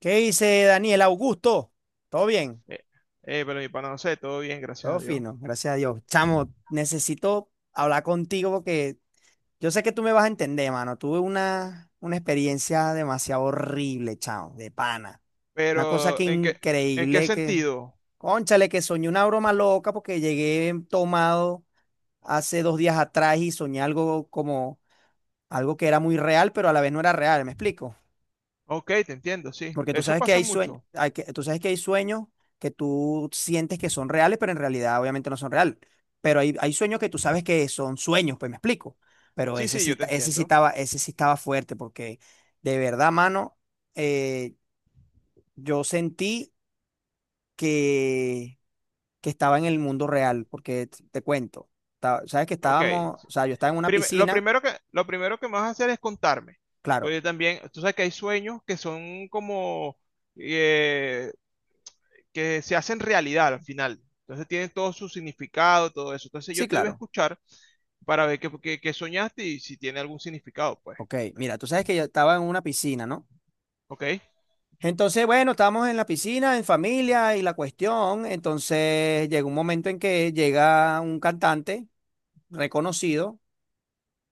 ¿Qué dice Daniel Augusto? Todo bien, Eh, pero mi pana, no sé, todo bien, gracias a todo Dios. fino, gracias a Dios. Chamo, necesito hablar contigo porque yo sé que tú me vas a entender, mano. Tuve una experiencia demasiado horrible, chamo, de pana. Una cosa que Pero, ¿en qué increíble que, sentido? cónchale, que soñé una broma loca porque llegué tomado hace 2 días atrás y soñé algo como, algo que era muy real, pero a la vez no era real, ¿me explico? Ok, te entiendo, sí. Porque tú Eso sabes que pasa hay sueños, mucho. Tú sabes que hay sueños que tú sientes que son reales, pero en realidad obviamente no son reales. Pero hay sueños que tú sabes que son sueños, pues me explico. Pero Sí, sí, yo te entiendo. Ese sí estaba fuerte, porque de verdad, mano, eh, yo sentí que, que estaba en el mundo real, porque te cuento, sabes que Ok, estábamos, sí. o sea, yo estaba en una Prime- lo piscina, primero que, lo primero que me vas a hacer es contarme. claro, Porque también, tú sabes que hay sueños que son como, eh, que se hacen realidad al final. Entonces tienen todo su significado, todo eso. Entonces yo sí, te voy a claro, escuchar para ver qué soñaste y si tiene algún significado, pues. ok, mira, tú sabes que yo estaba en una piscina, ¿no? Ok. Entonces, bueno, estábamos en la piscina, en familia y la cuestión. Entonces llegó un momento en que llega un cantante reconocido,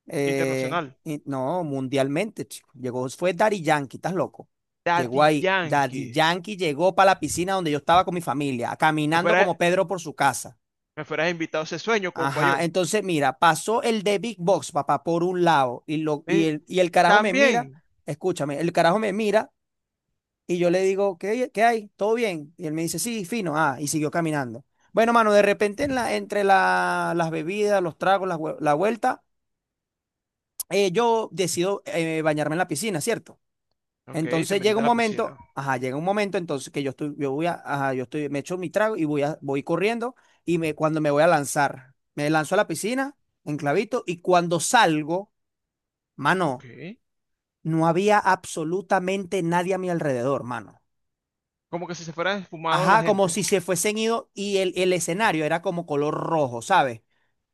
Internacional. No, mundialmente, chico. Llegó, fue Daddy Yankee, ¿estás loco? Llegó Daddy ahí. Daddy Yankee. Yankee llegó para la piscina donde yo estaba con mi familia, Me caminando fueras, como Pedro por su casa. me fueras invitado a ese sueño, compa, Ajá, yo. entonces mira, pasó el de Big Box, papá, por un lado, y, lo, y, "Eh, el, y el carajo me mira, también. escúchame, el carajo me mira. Y yo le digo, ¿qué, qué hay? ¿Todo bien? Y él me dice, sí, fino. Ah, y siguió caminando. Bueno, mano, de repente en la, entre las bebidas, los tragos, la vuelta, yo decido bañarme en la piscina, ¿cierto? Ok, te Entonces llega metiste a un la piscina. momento, ajá, llega un momento entonces que yo estoy, me echo mi trago y voy corriendo y cuando me voy a lanzar, me lanzo a la piscina, enclavito, y cuando salgo, Ok. mano, no había absolutamente nadie a mi alrededor, mano. Como que si se fuera esfumado la Ajá, como gente. si se fuesen ido y el escenario era como color rojo, ¿sabes?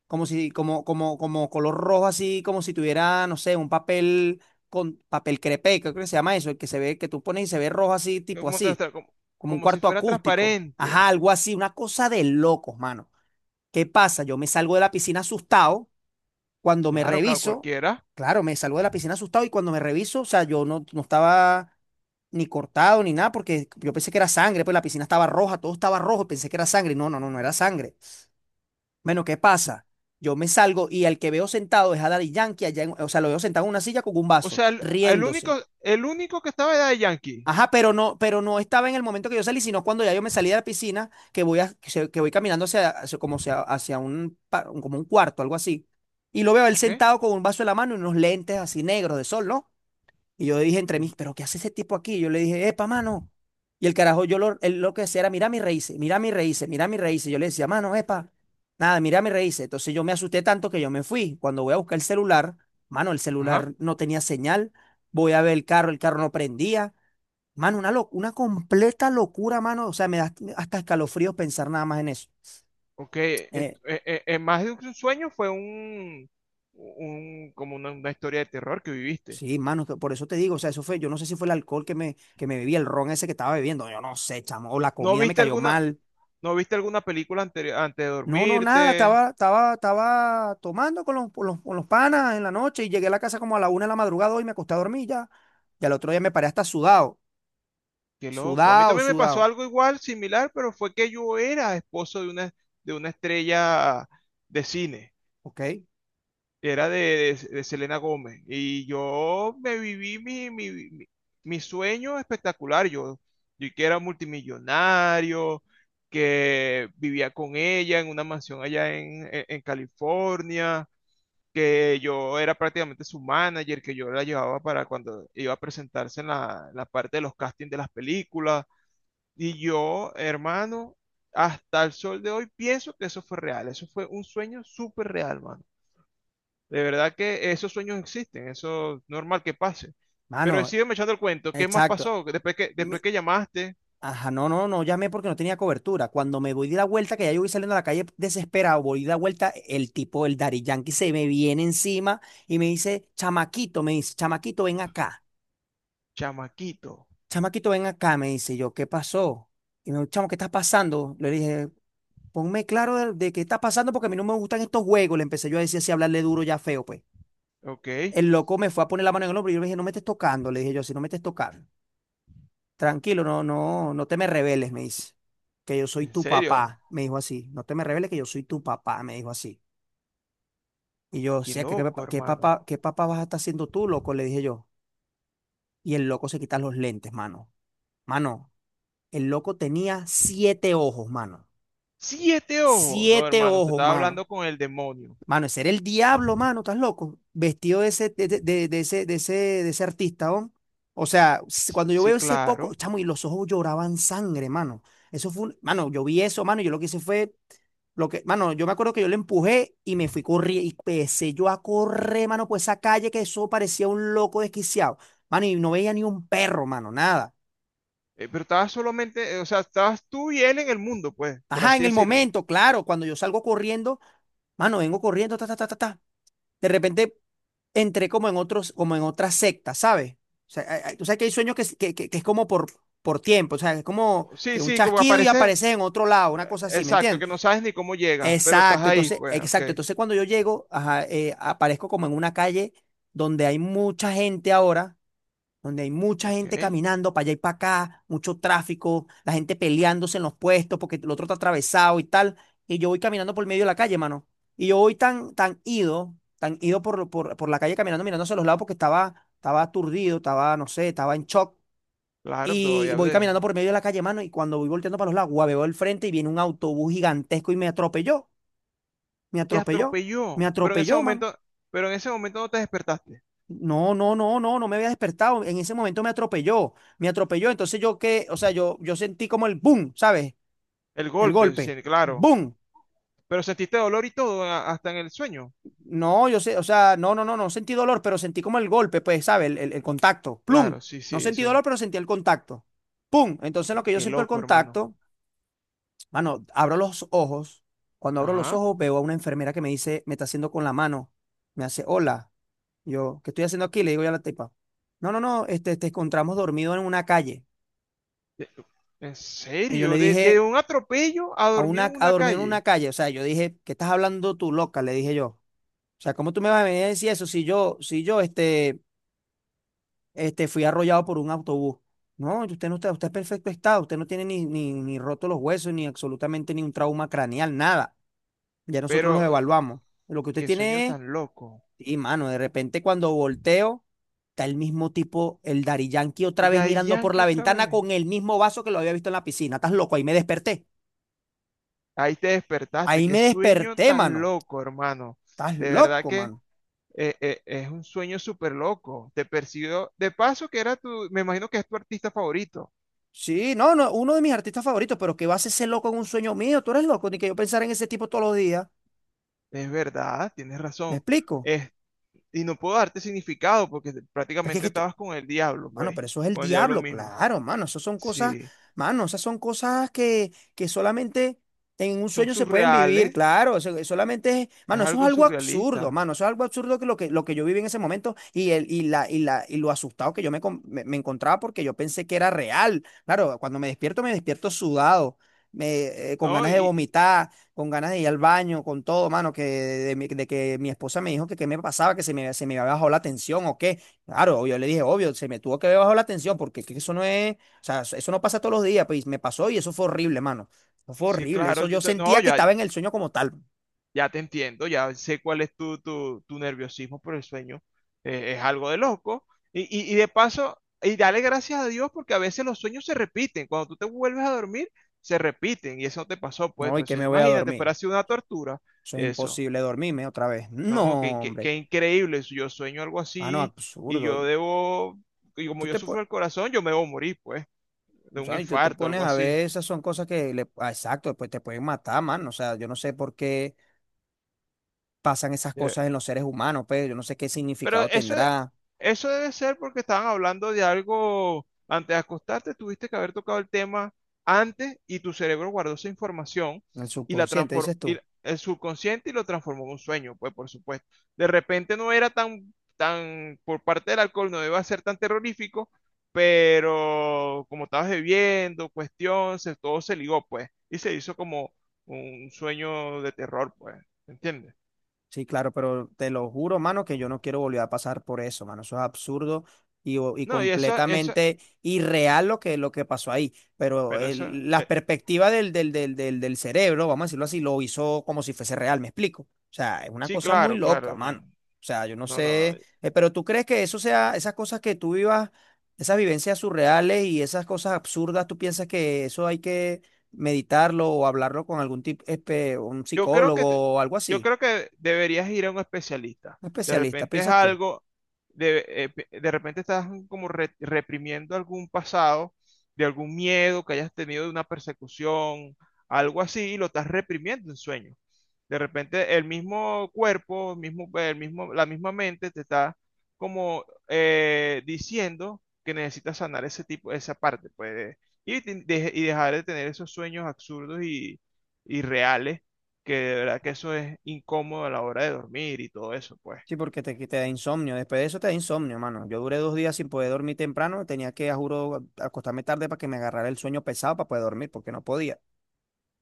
Como color rojo, así como si tuviera, no sé, un papel con papel crepé, creo que se llama eso, el que se ve, que tú pones y se ve rojo así, tipo Como, te- así, te- como- como un Como si cuarto fuera acústico. Ajá, transparente. algo así, una cosa de locos, mano. ¿Qué pasa? Yo me salgo de la piscina asustado, cuando me Claro, reviso, cualquiera. claro, me salgo de la piscina asustado y cuando me reviso, o sea, yo no estaba ni cortado ni nada, porque yo pensé que era sangre, pues la piscina estaba roja, todo estaba rojo, pensé que era sangre. No, no, no, no era sangre. Bueno, ¿qué pasa? Yo me salgo y al que veo sentado es a Daddy Yankee, o sea, lo veo sentado en una silla con un O vaso, sea, el, el riéndose. único, el único que estaba era de Yankee. Ajá, pero no estaba en el momento que yo salí, sino cuando ya yo me salí de la piscina, que voy, a- que, se- que voy caminando hacia un, como un cuarto, algo así. Y lo veo él Ok. sentado con un vaso en la mano y unos lentes así negros de sol, ¿no? Y yo dije entre Mm. mí, ¿pero qué hace ese tipo aquí? Yo le dije, epa, mano. Y el carajo, él lo que hacía era, mira mis raíces, mira mis raíces, mira mis raíces. Yo le decía, mano, epa, nada, mira mis raíces. Entonces yo me asusté tanto que yo me fui. Cuando voy a buscar el celular, mano, el Ajá. celular no tenía señal. Voy a ver el carro no prendía. Mano, una completa locura, mano. O sea, me da hasta escalofríos pensar nada más en eso. Ok. eh, Eh, Más de un sueño fue un como una historia de terror que viviste. sí, mano, que por eso te digo, o sea, eso fue, yo no sé si fue el alcohol que que me bebí, el ron ese que estaba bebiendo, yo no sé, chamo, o la ¿No comida me viste cayó alguna, mal. ¿no viste alguna película antes de No, no, nada, dormirte? estaba tomando con los panas en la noche y llegué a la casa como a la 1 de la madrugada y me acosté a dormir ya. Y al otro día me paré hasta sudado, Qué loco. A mí sudado, también me pasó sudado, algo igual, similar, pero fue que yo era esposo de una estrella de cine. ¿ok? Era de, de Selena Gómez. Y yo me viví mi sueño espectacular. Yo que era multimillonario, que vivía con ella en una mansión allá en, en California, que yo era prácticamente su manager, que yo la llevaba para cuando iba a presentarse en la parte de los castings de las películas y yo, hermano, hasta el sol de hoy pienso que eso fue real. Eso fue un sueño súper real, mano. De verdad que esos sueños existen. Eso es normal que pase. Pero Mano, sígueme echando el cuento. ¿Qué más exacto. pasó? Después Mi- que llamaste, Ajá, no, no, no llamé porque no tenía cobertura. Cuando me voy de la vuelta, que ya yo voy saliendo a la calle desesperado, voy de la vuelta, el tipo, el Daddy Yankee, se me viene encima y me dice, chamaquito. chamaquito, ven acá, me dice. Yo, ¿qué pasó? Y me dijo, chamo, ¿qué está pasando? Le dije, ponme claro de qué está pasando porque a mí no me gustan estos juegos. Le empecé yo a decir así, a hablarle duro ya feo, pues. ¿Ok? El loco me fue a poner la mano en el hombro y yo le dije, no me estés tocando. Le dije yo, si no me estés tocando. Tranquilo, no, no, no te me rebeles, me dice. Que yo soy ¿En tu serio? papá, me dijo así. No te me rebeles que yo soy tu papá, me dijo así. Y yo, o Qué sea, ¿qué, qué, loco, papá- qué hermano. papá, qué papá vas a estar haciendo tú, loco? Le dije yo. Y el loco se quita los lentes, mano. Mano, el loco tenía siete ojos, mano. Siete ojos. No, Siete hermano, usted ojos, estaba mano. hablando con el demonio. Mano, ese era el diablo, mano, estás loco. Vestido de ese, de ese, de ese, de ese artista, ¿oh? O sea, cuando yo Sí, veo ese poco, claro. chamo, y los ojos lloraban sangre, mano. Eso fue mano, yo vi eso, mano, y yo lo que hice fue, mano, yo me acuerdo que yo le empujé y me fui corriendo, y empecé yo a correr, mano, por esa calle que eso parecía un loco desquiciado. Mano, y no veía ni un perro, mano, nada. Pero estabas solamente, o sea, estabas tú y él en el mundo, pues, por Ajá, así en el decirlo. momento, claro, cuando yo salgo corriendo, mano, vengo corriendo, ta, ta, ta, ta, ta. De repente entré como en otros, como en otras sectas, ¿sabes? O sea, tú sabes que hay sueños que, que es como por tiempo, o sea, es como Sí, que un sí, como chasquido y aparece. apareces en otro lado, una cosa así, ¿me Exacto, que entiendes? no sabes ni cómo llegas, pero estás ahí, pues, ok. Exacto, entonces cuando yo llego, ajá, aparezco como en una calle donde hay mucha gente ahora, donde hay mucha Ok, gente caminando para allá y para acá, mucho tráfico, la gente peleándose en los puestos porque el otro está atravesado y tal, y yo voy caminando por el medio de la calle, mano. Y yo voy tan, tan ido por la calle caminando, mirándose a los lados porque estaba, estaba aturdido, estaba, no sé, estaba en shock. claro, todavía Y voy hablé. caminando por medio de la calle, mano, y cuando voy volteando para los lados, guau, veo el frente y viene un autobús gigantesco y me atropelló, me Te atropelló, me atropelló, pero en ese atropelló, mano. momento, pero en ese momento no te despertaste. No, no, no, no, no me había despertado. En ese momento me atropelló, me atropelló. Entonces yo qué, o sea, yo sentí como el boom, ¿sabes? El El golpe, golpe, sí, claro. boom. Pero sentiste dolor y todo, hasta en el sueño. No, yo sé, o sea, no, no, no, no sentí dolor, pero sentí como el golpe, pues, ¿sabes? El contacto, plum. Claro, sí, No sí, sentí eso. dolor, pero sentí el contacto, pum. Entonces lo Qué, que yo qué siento el loco, hermano. contacto, mano, abro los ojos. Cuando abro los Ajá. ojos veo a una enfermera que me dice, me está haciendo con la mano, me hace, hola. Yo, ¿qué estoy haciendo aquí? Le digo yo a la tipa. No, no, no, este, te encontramos dormido en una calle. De- ¿En Y yo le serio? De dije, un atropello a dormido en a una dormir en una calle. calle. O sea, yo dije, ¿qué estás hablando tú, loca? Le dije yo. O sea, ¿cómo tú me vas a venir a decir eso si yo, si yo, este, fui arrollado por un autobús? No, usted no está, usted es perfecto estado, usted no tiene ni, ni, ni roto los huesos, ni absolutamente ni un trauma craneal, nada. Ya nosotros los Pero, evaluamos. Lo que usted qué sueño tiene es, tan loco. y mano, de repente cuando volteo, está el mismo tipo, el Dari Yankee, otra De vez ahí mirando por Yankee la otra ventana vez. con el mismo vaso que lo había visto en la piscina. ¿Estás loco? Ahí me desperté. Ahí te despertaste. Ahí Qué me sueño desperté, tan mano. loco, hermano. Estás De verdad loco, que. man. Es un sueño súper loco. Te persiguió. De paso, que era tu. Me imagino que es tu artista favorito. Sí, no, no, uno de mis artistas favoritos, pero que va a ser ese loco en un sueño mío? Tú eres loco, ni que yo pensara en ese tipo todos los días. Es verdad, tienes ¿Me razón. explico? Es- y no puedo darte significado porque Es que, es que prácticamente esto- estabas con el diablo, Mano, pues. pero eso es el Con el diablo diablo, mismo. claro, mano. Esas son cosas, Sí. mano, esas son cosas que solamente en un Son sueño se pueden vivir, surreales. claro. Eso solamente es, Es mano, eso es algo algo absurdo, surrealista. mano. Eso es algo absurdo, lo que yo viví en ese momento y, el, y, la, y, la, y lo asustado que yo me encontraba porque yo pensé que era real. Claro, cuando me despierto sudado, con ¿No? ganas de Y. y- vomitar, con ganas de ir al baño, con todo, mano, que de que mi esposa me dijo que qué me pasaba, que se me había bajado la tensión o qué. Claro, obvio, le dije, obvio, se me tuvo que haber bajado la tensión porque es que eso no es, o sea, eso no pasa todos los días, pues y me pasó y eso fue horrible, mano. Eso fue Sí, horrible, claro. eso yo No, sentía que ya. estaba en el sueño como tal. Ya te entiendo, ya sé cuál es tu nerviosismo por el sueño. Es algo de loco. Y de paso, y dale gracias a Dios porque a veces los sueños se repiten. Cuando tú te vuelves a dormir, se repiten. Y eso no te pasó, pues, No, y pues que si no, me voy a imagínate, fuera dormir. así una tortura. Eso es Eso, imposible dormirme otra vez. ¿no? Qué, No, qué, hombre. qué increíble. Si yo sueño algo Ah, no, así y absurdo. yo debo, y Tú como yo te, sufro pon- el corazón, yo me debo morir, pues, de o un sea, y tú te infarto, pones algo a así. ver, esas son cosas que le, ah, exacto, después te pueden matar, mano. O sea, yo no sé por qué pasan esas eh, cosas en los seres humanos, pues yo no sé qué Pero significado tendrá eso debe ser porque estaban hablando de algo antes de acostarte, tuviste que haber tocado el tema antes y tu cerebro guardó esa información en el y la subconsciente, transformó, dices tú. el subconsciente y lo transformó en un sueño, pues por supuesto. De repente no era por parte del alcohol no iba a ser tan terrorífico, pero como estabas bebiendo, cuestión, todo se ligó, pues, y se hizo como un sueño de terror, pues, ¿entiendes? Sí, claro, pero te lo juro, mano, que yo no quiero volver a pasar por eso, mano. Eso es absurdo y, y No, y completamente irreal lo que pasó ahí. Pero bueno, eso. La perspectiva del cerebro, vamos a decirlo así, lo hizo como si fuese real, ¿me explico? O sea, es una Sí, cosa muy claro, loca, claro, no, mano. O sea, yo no no, no. sé, pero ¿tú crees que eso sea, esas cosas que tú vivas, esas vivencias surreales y esas cosas absurdas, tú piensas que eso hay que meditarlo o hablarlo con algún tipo, un Yo creo que, te- psicólogo o algo yo así? creo que deberías ir a un especialista. Un De especialista, repente es piensas tú. algo, de repente estás como reprimiendo algún pasado, de algún miedo que hayas tenido de una persecución, algo así, y lo estás reprimiendo en sueños. De repente el mismo cuerpo, la misma mente te está como diciendo que necesitas sanar ese tipo, esa parte, pues, y dejar de tener esos sueños absurdos y reales que de verdad que eso es incómodo a la hora de dormir y todo eso, pues. Sí, porque te da insomnio. Después de eso te da insomnio, mano. Yo duré 2 días sin poder dormir temprano. Tenía que, a juro, acostarme tarde para que me agarrara el sueño pesado para poder dormir, porque no podía.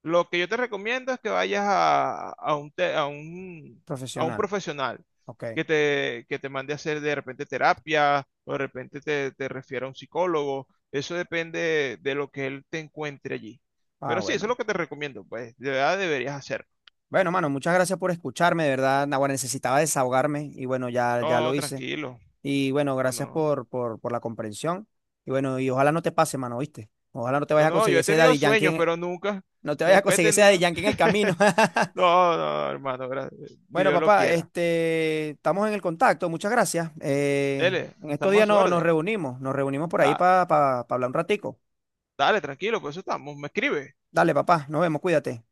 Lo que yo te recomiendo es que vayas a, a un Profesional. profesional Ok. Que te mande a hacer de repente terapia o de repente te, te refiera a un psicólogo. Eso depende de lo que él te encuentre allí. Ah, Pero sí, eso es bueno. lo que te recomiendo, pues. De verdad deberías hacerlo. Bueno, mano, muchas gracias por escucharme, de verdad. Naguará, necesitaba desahogarme y bueno, ya, ya No, lo hice. tranquilo. Y bueno, No, gracias no. por la comprensión. Y bueno, y ojalá no te pase, mano, ¿viste? Ojalá no te No, vayas a no, yo conseguir he ese tenido sueños, pero nunca, no te vayas a nunca he conseguir ese Daddy tenido. Yankee en el camino. No, no, hermano, ni Bueno, Dios lo papá, quiera. este, estamos en el contacto, muchas gracias. L, En estos estamos a días su no, orden. Nos reunimos por ahí Da- para hablar un ratico. dale, tranquilo, por eso estamos. Me escribe. Dale, papá, nos vemos, cuídate.